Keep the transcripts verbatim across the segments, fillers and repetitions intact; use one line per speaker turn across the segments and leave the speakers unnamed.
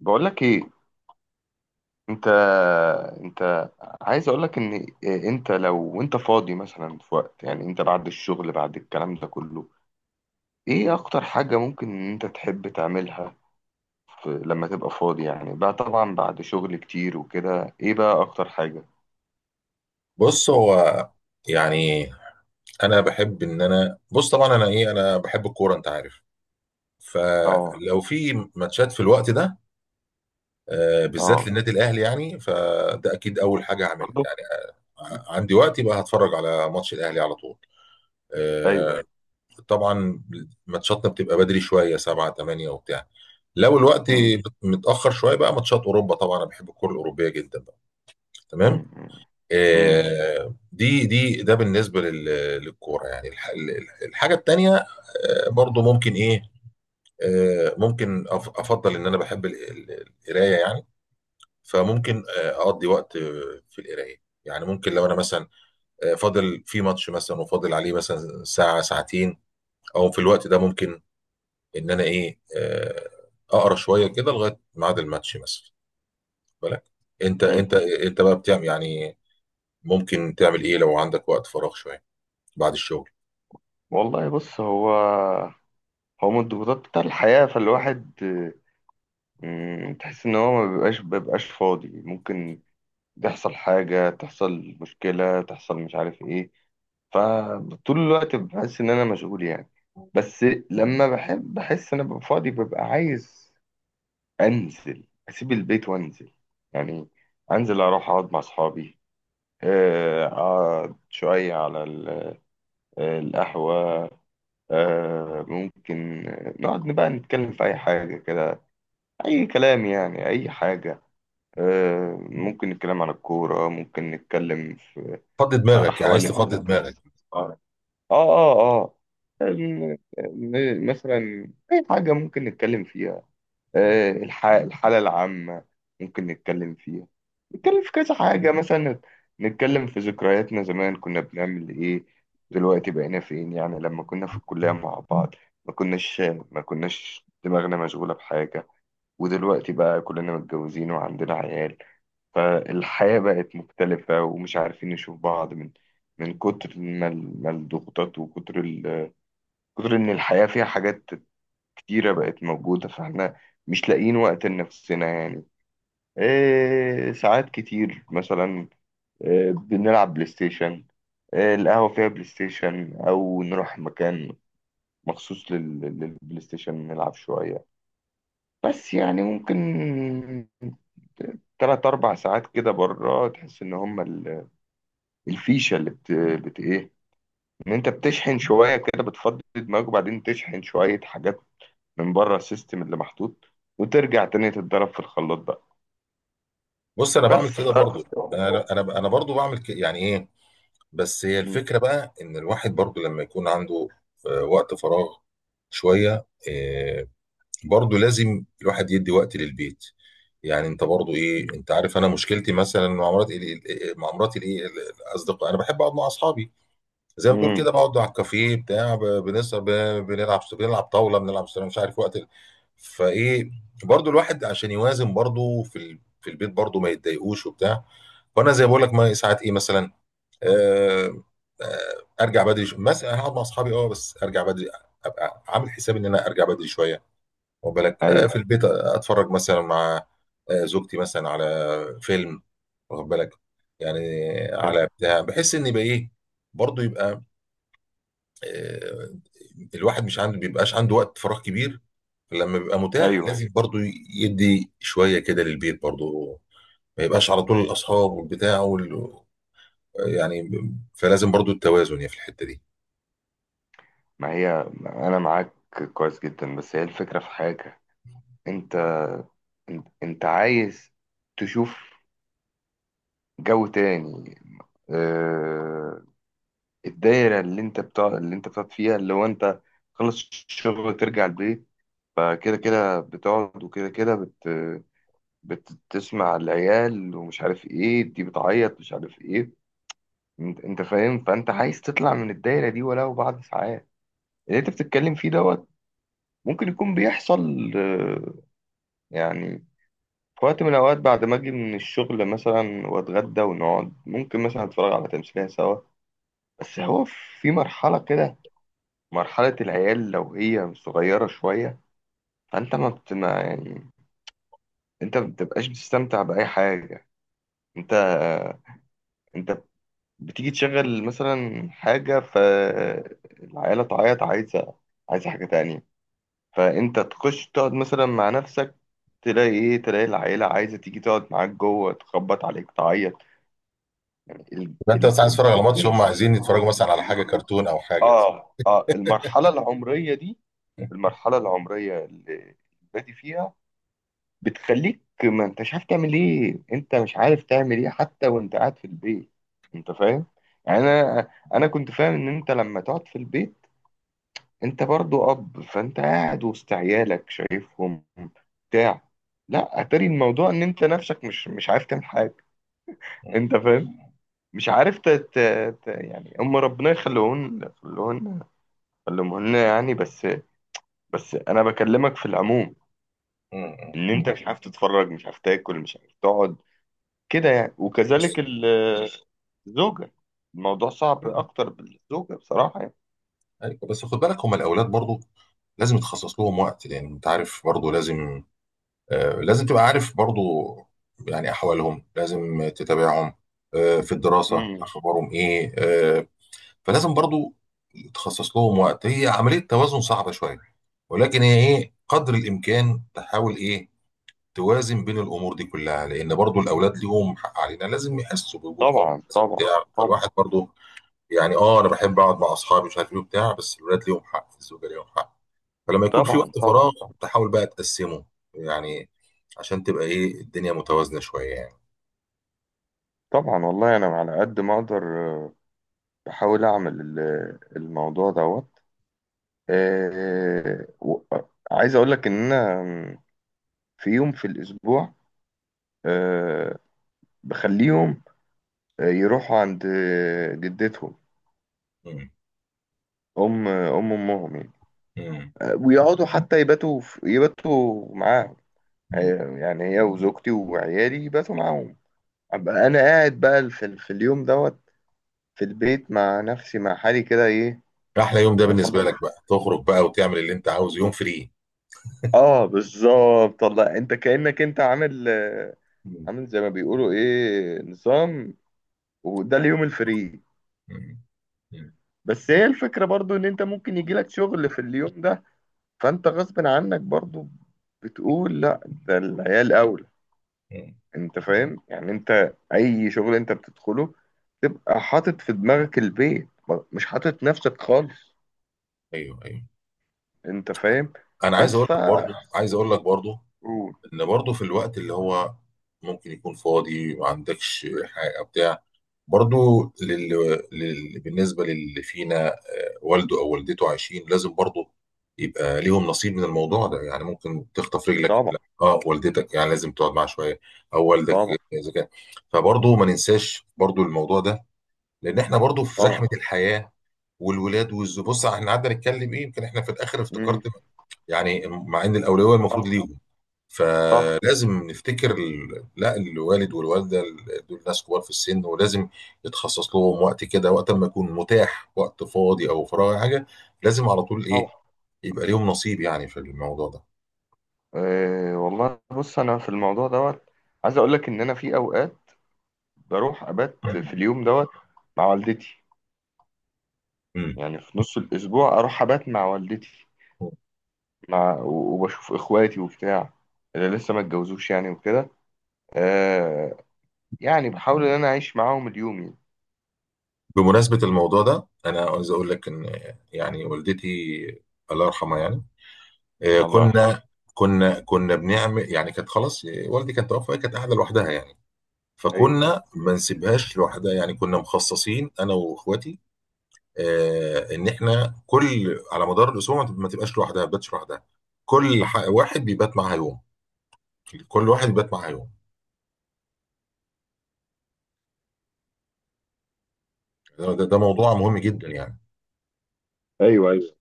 بقول لك ايه؟ انت انت، عايز اقول لك ان إيه، انت لو انت فاضي مثلا في وقت، يعني انت بعد الشغل، بعد الكلام ده كله، ايه اكتر حاجة ممكن ان انت تحب تعملها في، لما تبقى فاضي؟ يعني بقى، طبعا بعد شغل كتير وكده، ايه بقى اكتر حاجة؟
بص هو يعني انا بحب ان انا بص طبعا انا ايه انا بحب الكوره، انت عارف.
اه.
فلو في ماتشات في الوقت ده، آه، بالذات
اه.
للنادي الاهلي، يعني فده اكيد اول حاجه هعملها
برضه.
يعني. آه، عندي وقت يبقى هتفرج على ماتش الاهلي على طول.
ايوه،
آه،
ايوه.
طبعا ماتشاتنا بتبقى بدري شويه، سبعة تمانية وبتاع. لو الوقت
مم.
متاخر شويه بقى ماتشات اوروبا. طبعا انا بحب الكوره الاوروبيه جدا بقى.
مم.
تمام.
مم. مم.
آه، دي دي ده بالنسبه لل- للكوره يعني. الح- ال- الحاجه التانيه آه، برضو ممكن ايه. آه، ممكن أف- افضل ان انا بحب ال- ال- القرايه يعني. فممكن آه، اقضي وقت آه، في القرايه يعني. ممكن لو انا مثلا آه، فاضل في ماتش مثلا، وفاضل عليه مثلا ساعه ساعتين، او في الوقت ده ممكن ان انا ايه آه، اقرا شويه كده لغايه ميعاد الماتش مثلا. واخد بالك؟ انت انت
مم.
انت بقى بتعمل يعني ممكن تعمل ايه لو عندك وقت فراغ شويه بعد الشغل؟
والله، بص. هو هو من الضغوطات بتاع الحياة، فالواحد آه، مم، تحس ان هو ما بيبقاش بيبقاش فاضي، ممكن تحصل حاجة، تحصل مشكلة، تحصل مش عارف ايه. فطول الوقت بحس ان انا مشغول يعني، بس لما بحب، بحس ان انا ببقى فاضي، ببقى عايز انزل، اسيب البيت وانزل، يعني انزل اروح اقعد مع اصحابي، آه، اقعد شوية على ال- آه، القهوة. آه، ممكن آه، نقعد بقى، نتكلم في اي حاجة كده، اي كلام، يعني اي حاجة. آه، ممكن نتكلم عن الكورة، ممكن نتكلم
فضي
في
دماغك، يعني عايز
أحوال ال-
تفضي دماغك.
اه اه، اه. الم- م- مثلا أي حاجة ممكن نتكلم فيها. آه، الح- الحالة العامة ممكن نتكلم فيها، نتكلم في كذا حاجة مثلا، نتكلم في ذكرياتنا زمان، كنا بنعمل إيه، دلوقتي بقينا فين. يعني لما كنا في الكلية مع بعض ما كناش، ما كناش دماغنا مشغولة بحاجة، ودلوقتي بقى كلنا متجوزين وعندنا عيال، فالحياة بقت مختلفة ومش عارفين نشوف بعض، من من كتر ما ال- ما الضغوطات، وكتر ال... كتر إن الحياة فيها حاجات كتيرة بقت موجودة، فإحنا مش لاقيين وقت لنفسنا يعني. إيه، ساعات كتير مثلا إيه، بنلعب بلاي ستيشن، إيه القهوة فيها بلاي ستيشن، أو نروح مكان مخصوص لل... للبلاي ستيشن نلعب شوية. بس يعني ممكن تلات أربع ساعات كده بره، تحس إن هما ال... الفيشه اللي بت... بت ايه، ان انت بتشحن شويه كده، بتفضي دماغك وبعدين تشحن شويه حاجات من بره السيستم اللي محطوط، وترجع تاني تتضرب في الخلاط بقى،
بص انا
بس
بعمل كده
ف
برضو. انا انا انا برضو بعمل كده، يعني ايه. بس هي
مم.
الفكره بقى ان الواحد برضو لما يكون عنده آه، وقت فراغ شويه، آه، برضو لازم الواحد يدي وقت للبيت. يعني انت برضو ايه، انت عارف انا مشكلتي مثلا مع مراتي. مع مراتي الايه الاصدقاء. انا بحب اقعد مع اصحابي، زي ما تقول كده،
مم.
بقعد على الكافيه بتاع، ب- بنسهر، ب- بنلعب بنلعب طاوله، بنلعب استرا- مش عارف، وقت ال- فايه. برضو الواحد عشان يوازن برضو في ال... في البيت برضو ما يتضايقوش وبتاع. فانا زي ما بقول لك، ما ساعات ايه مثلا، آه... آه... ارجع بدري، ش- مثلا هقعد مع اصحابي، اه، بس ارجع بدري. ابقى عامل حساب ان انا ارجع بدري شويه. واخد بالك؟ آه
ايوه،
في البيت اتفرج مثلا مع آه زوجتي مثلا على فيلم، واخد بالك؟ يعني
ايوه،
على بتاع، بحس ان يبقى ايه، برضه يبقى آه، الواحد مش عنده بيبقاش عنده وقت فراغ كبير. لما بيبقى متاح
ايوه.
لازم برضو يدي شوية كده للبيت برضو. ما يبقاش على طول الأصحاب والبتاع وال... يعني، فلازم برضو التوازن يعني في الحتة دي.
ما هي انا معاك كويس جدا، بس هي الفكره في حاجه. انت انت انت عايز تشوف جو تاني. آه، الدايره اللي انت بتاع، اللي انت بتقعد فيها، اللي هو انت خلص الشغل ترجع البيت، فكده كده بتقعد، وكده كده بت... بتسمع العيال ومش عارف ايه، دي بتعيط، مش عارف ايه. انت انت فاهم؟ فانت عايز تطلع من الدايره دي ولو بعد ساعات. اللي انت بتتكلم فيه دوت ممكن يكون بيحصل. آه، يعني في وقت من الاوقات بعد ما اجي من الشغل مثلا واتغدى ونقعد، ممكن مثلا اتفرج على تمثيليه سوا. بس هو في مرحله كده، مرحله العيال لو هي صغيره شويه، فانت ما بت ما يعني، انت ما بتبقاش بتستمتع باي حاجه. انت انت بتيجي تشغل مثلا حاجة، فالعيلة تعيط، عايزة عايزة حاجة تانية. فانت تخش تقعد مثلا مع نفسك، تلاقي ايه؟ تلاقي العيلة عايزة تيجي تقعد معاك جوه، تخبط عليك، تعيط. ال...
يبقى انت
ال...
بس عايز
ال...
تتفرج على ماتش، هم عايزين يتفرجوا مثلا على حاجة كرتون او حاجة.
اه، اه. المرحلة العمرية دي، المرحلة العمرية اللي بادي فيها، بتخليك ما انتش عارف تعمل ايه. انت مش عارف تعمل ايه حتى وانت قاعد في البيت. انت فاهم؟ يعني انا انا كنت فاهم ان انت لما تقعد في البيت، انت برضو اب، فانت قاعد وسط عيالك شايفهم بتاع لا، اتاري الموضوع ان انت نفسك مش مش عارف تعمل حاجه.
مم.
انت فاهم؟ مش عارف ت... ت... ت... يعني هم، ربنا يخليهن يخليهن يخليهن يعني. بس بس انا بكلمك في العموم،
مم.
ان انت مش عارف تتفرج، مش عارف تاكل، مش عارف تقعد كده يعني،
بس.
وكذلك ال- الزوجة. الموضوع صعب أكتر بالزوجة بصراحة يعني.
ايوه بس خد بالك، هم الاولاد برضو لازم يتخصص لهم وقت، لان انت عارف برضو لازم آه، لازم تبقى عارف برضو يعني احوالهم، لازم تتابعهم آه، في الدراسة،
مم.
اخبارهم ايه آه، فلازم برضو تخصص لهم وقت. هي عملية توازن صعبة شوية، ولكن هي ايه، قدر الامكان تحاول ايه توازن بين الامور دي كلها. لان برضو الاولاد ليهم حق علينا، لازم يحسوا بوجود اب،
طبعا،
لازم
طبعا،
بتاع،
طبعا،
فالواحد برضو يعني، اه انا بحب اقعد مع اصحابي مش عارف ايه وبتاع، بس الولاد ليهم حق، الزوجه ليهم حق. فلما يكون في
طبعا،
وقت
طبعا،
فراغ
طبعا،
تحاول بقى تقسمه يعني، عشان تبقى ايه الدنيا متوازنة شوية يعني.
طبعا. والله أنا على قد ما أقدر، آه، بحاول أعمل ال- الموضوع دوت. آه، و- آه، عايز أقول لك إن أنا، مم، في يوم في الأسبوع آه، بخليهم آه، يروحوا عند آه، جدتهم،
مم.
أم أم أمهم يعني،
مم.
آه، ويقعدوا حتى يباتوا في- يباتوا معاهم.
مم.
هي- يعني هي وزوجتي وعيالي باتوا معاهم، ابقى انا قاعد بقى في, في اليوم دوت في البيت مع نفسي مع حالي كده ايه.
احلى يوم ده بالنسبة
مفضل.
لك بقى، تخرج بقى وتعمل اللي انت عاوزه، يوم فري.
اه، بالظبط. والله انت كأنك انت عامل آه،
مم.
عامل زي ما بيقولوا ايه، نظام، وده اليوم الفري.
مم. مم.
بس هي الفكرة برضو ان انت ممكن يجيلك شغل في اليوم ده، فانت غصب عنك برضو بتقول لا، ده العيال اولى.
مم.
انت فاهم؟ يعني انت اي شغل انت بتدخله تبقى حاطط في دماغك البيت، ما- مش حاطط نفسك خالص.
ايوه، ايوه.
انت فاهم؟
انا عايز
بس
اقول
ف.
لك برضه، عايز اقول لك برضه
قول.
ان برضه في الوقت اللي هو ممكن يكون فاضي، ما عندكش حاجة بتاع، برضو لل... لل... بالنسبة للي فينا آه، والده أو والدته عايشين، لازم برضو يبقى ليهم نصيب من الموضوع ده. يعني ممكن تخطف رجلك،
طبعا،
لا اه، والدتك يعني لازم تقعد معاها شوية، أو والدك
طبعا،
إذا كان. فبرضو ما ننساش برضو الموضوع ده، لأن احنا برضو في
طبعا.
زحمة الحياة والولاد والزوج. بص احنا قعدنا نتكلم ايه يمكن احنا في الآخر
مم.
افتكرت، يعني مع إن الأولوية
صح،
المفروض ليهم.
صح.
فلازم نفتكر ال- لا الوالد والوالده، ال- دول ناس كبار في السن، ولازم يتخصص لهم وقت كده، وقت ما يكون متاح، وقت فاضي او فراغ أو حاجه. لازم على طول ايه
طبعا.
يبقى ليهم نصيب يعني في الموضوع ده.
أه، والله بص انا في الموضوع دوت عايز اقول لك ان انا في اوقات بروح ابات في اليوم دوت مع والدتي.
مم.
يعني في نص الاسبوع اروح ابات مع والدتي، مع و- وبشوف اخواتي وبتاع اللي لسه ما اتجوزوش يعني وكده. آه، يعني بحاول ان انا اعيش معاهم اليوم يعني.
بمناسبة الموضوع ده، أنا عاوز أقول لك إن يعني والدتي الله يرحمها يعني، آه،
الله يرحمه.
كنا كنا كنا بنعمل يعني. كانت خلاص، آه، والدي كانت توفى، كانت قاعدة لوحدها يعني،
ايوه،
فكنا ما نسيبهاش لوحدها يعني. كنا مخصصين أنا وإخواتي آه، ان احنا كل على مدار الاسبوع ما تب- ما تبقاش لوحدها، ما تباتش لوحدها. كل ح- واحد بيبات معاها يوم كل واحد بيبات معاها يوم. ده, ده ده موضوع مهم جدا يعني،
ايوه، ايوه.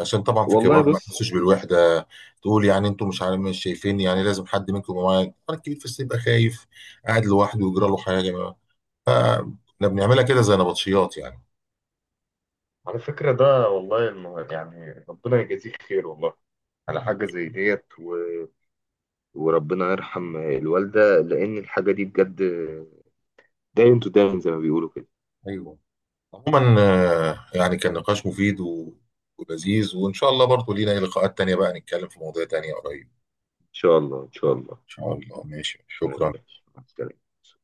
عشان طبعا في
والله
كبار ما
بص،
يحسوش بالوحده. تقول يعني انتم مش عارف، مش شايفين يعني، لازم حد منكم يبقى معايا. طبعاً الكبير في السن يبقى خايف قاعد لوحده ويجرى له حاجه ما- فاحنا بنعملها كده زي نبطشيات يعني.
على فكرة ده والله المهم، يعني ربنا يجازيه خير والله على حاجة زي ديت و... وربنا يرحم الوالدة، لأن الحاجة دي بجد داين تو داين زي ما بيقولوا كده.
ايوه. عموما آه، يعني كان نقاش مفيد و- ولذيذ، وان شاء الله برضه لينا إيه، لقاءات تانيه بقى، نتكلم في مواضيع تانيه قريب.
إن شاء الله، إن شاء الله.
ان شاء الله. ماشي،
ماشي،
شكرا.
ماشي، مع السلامة.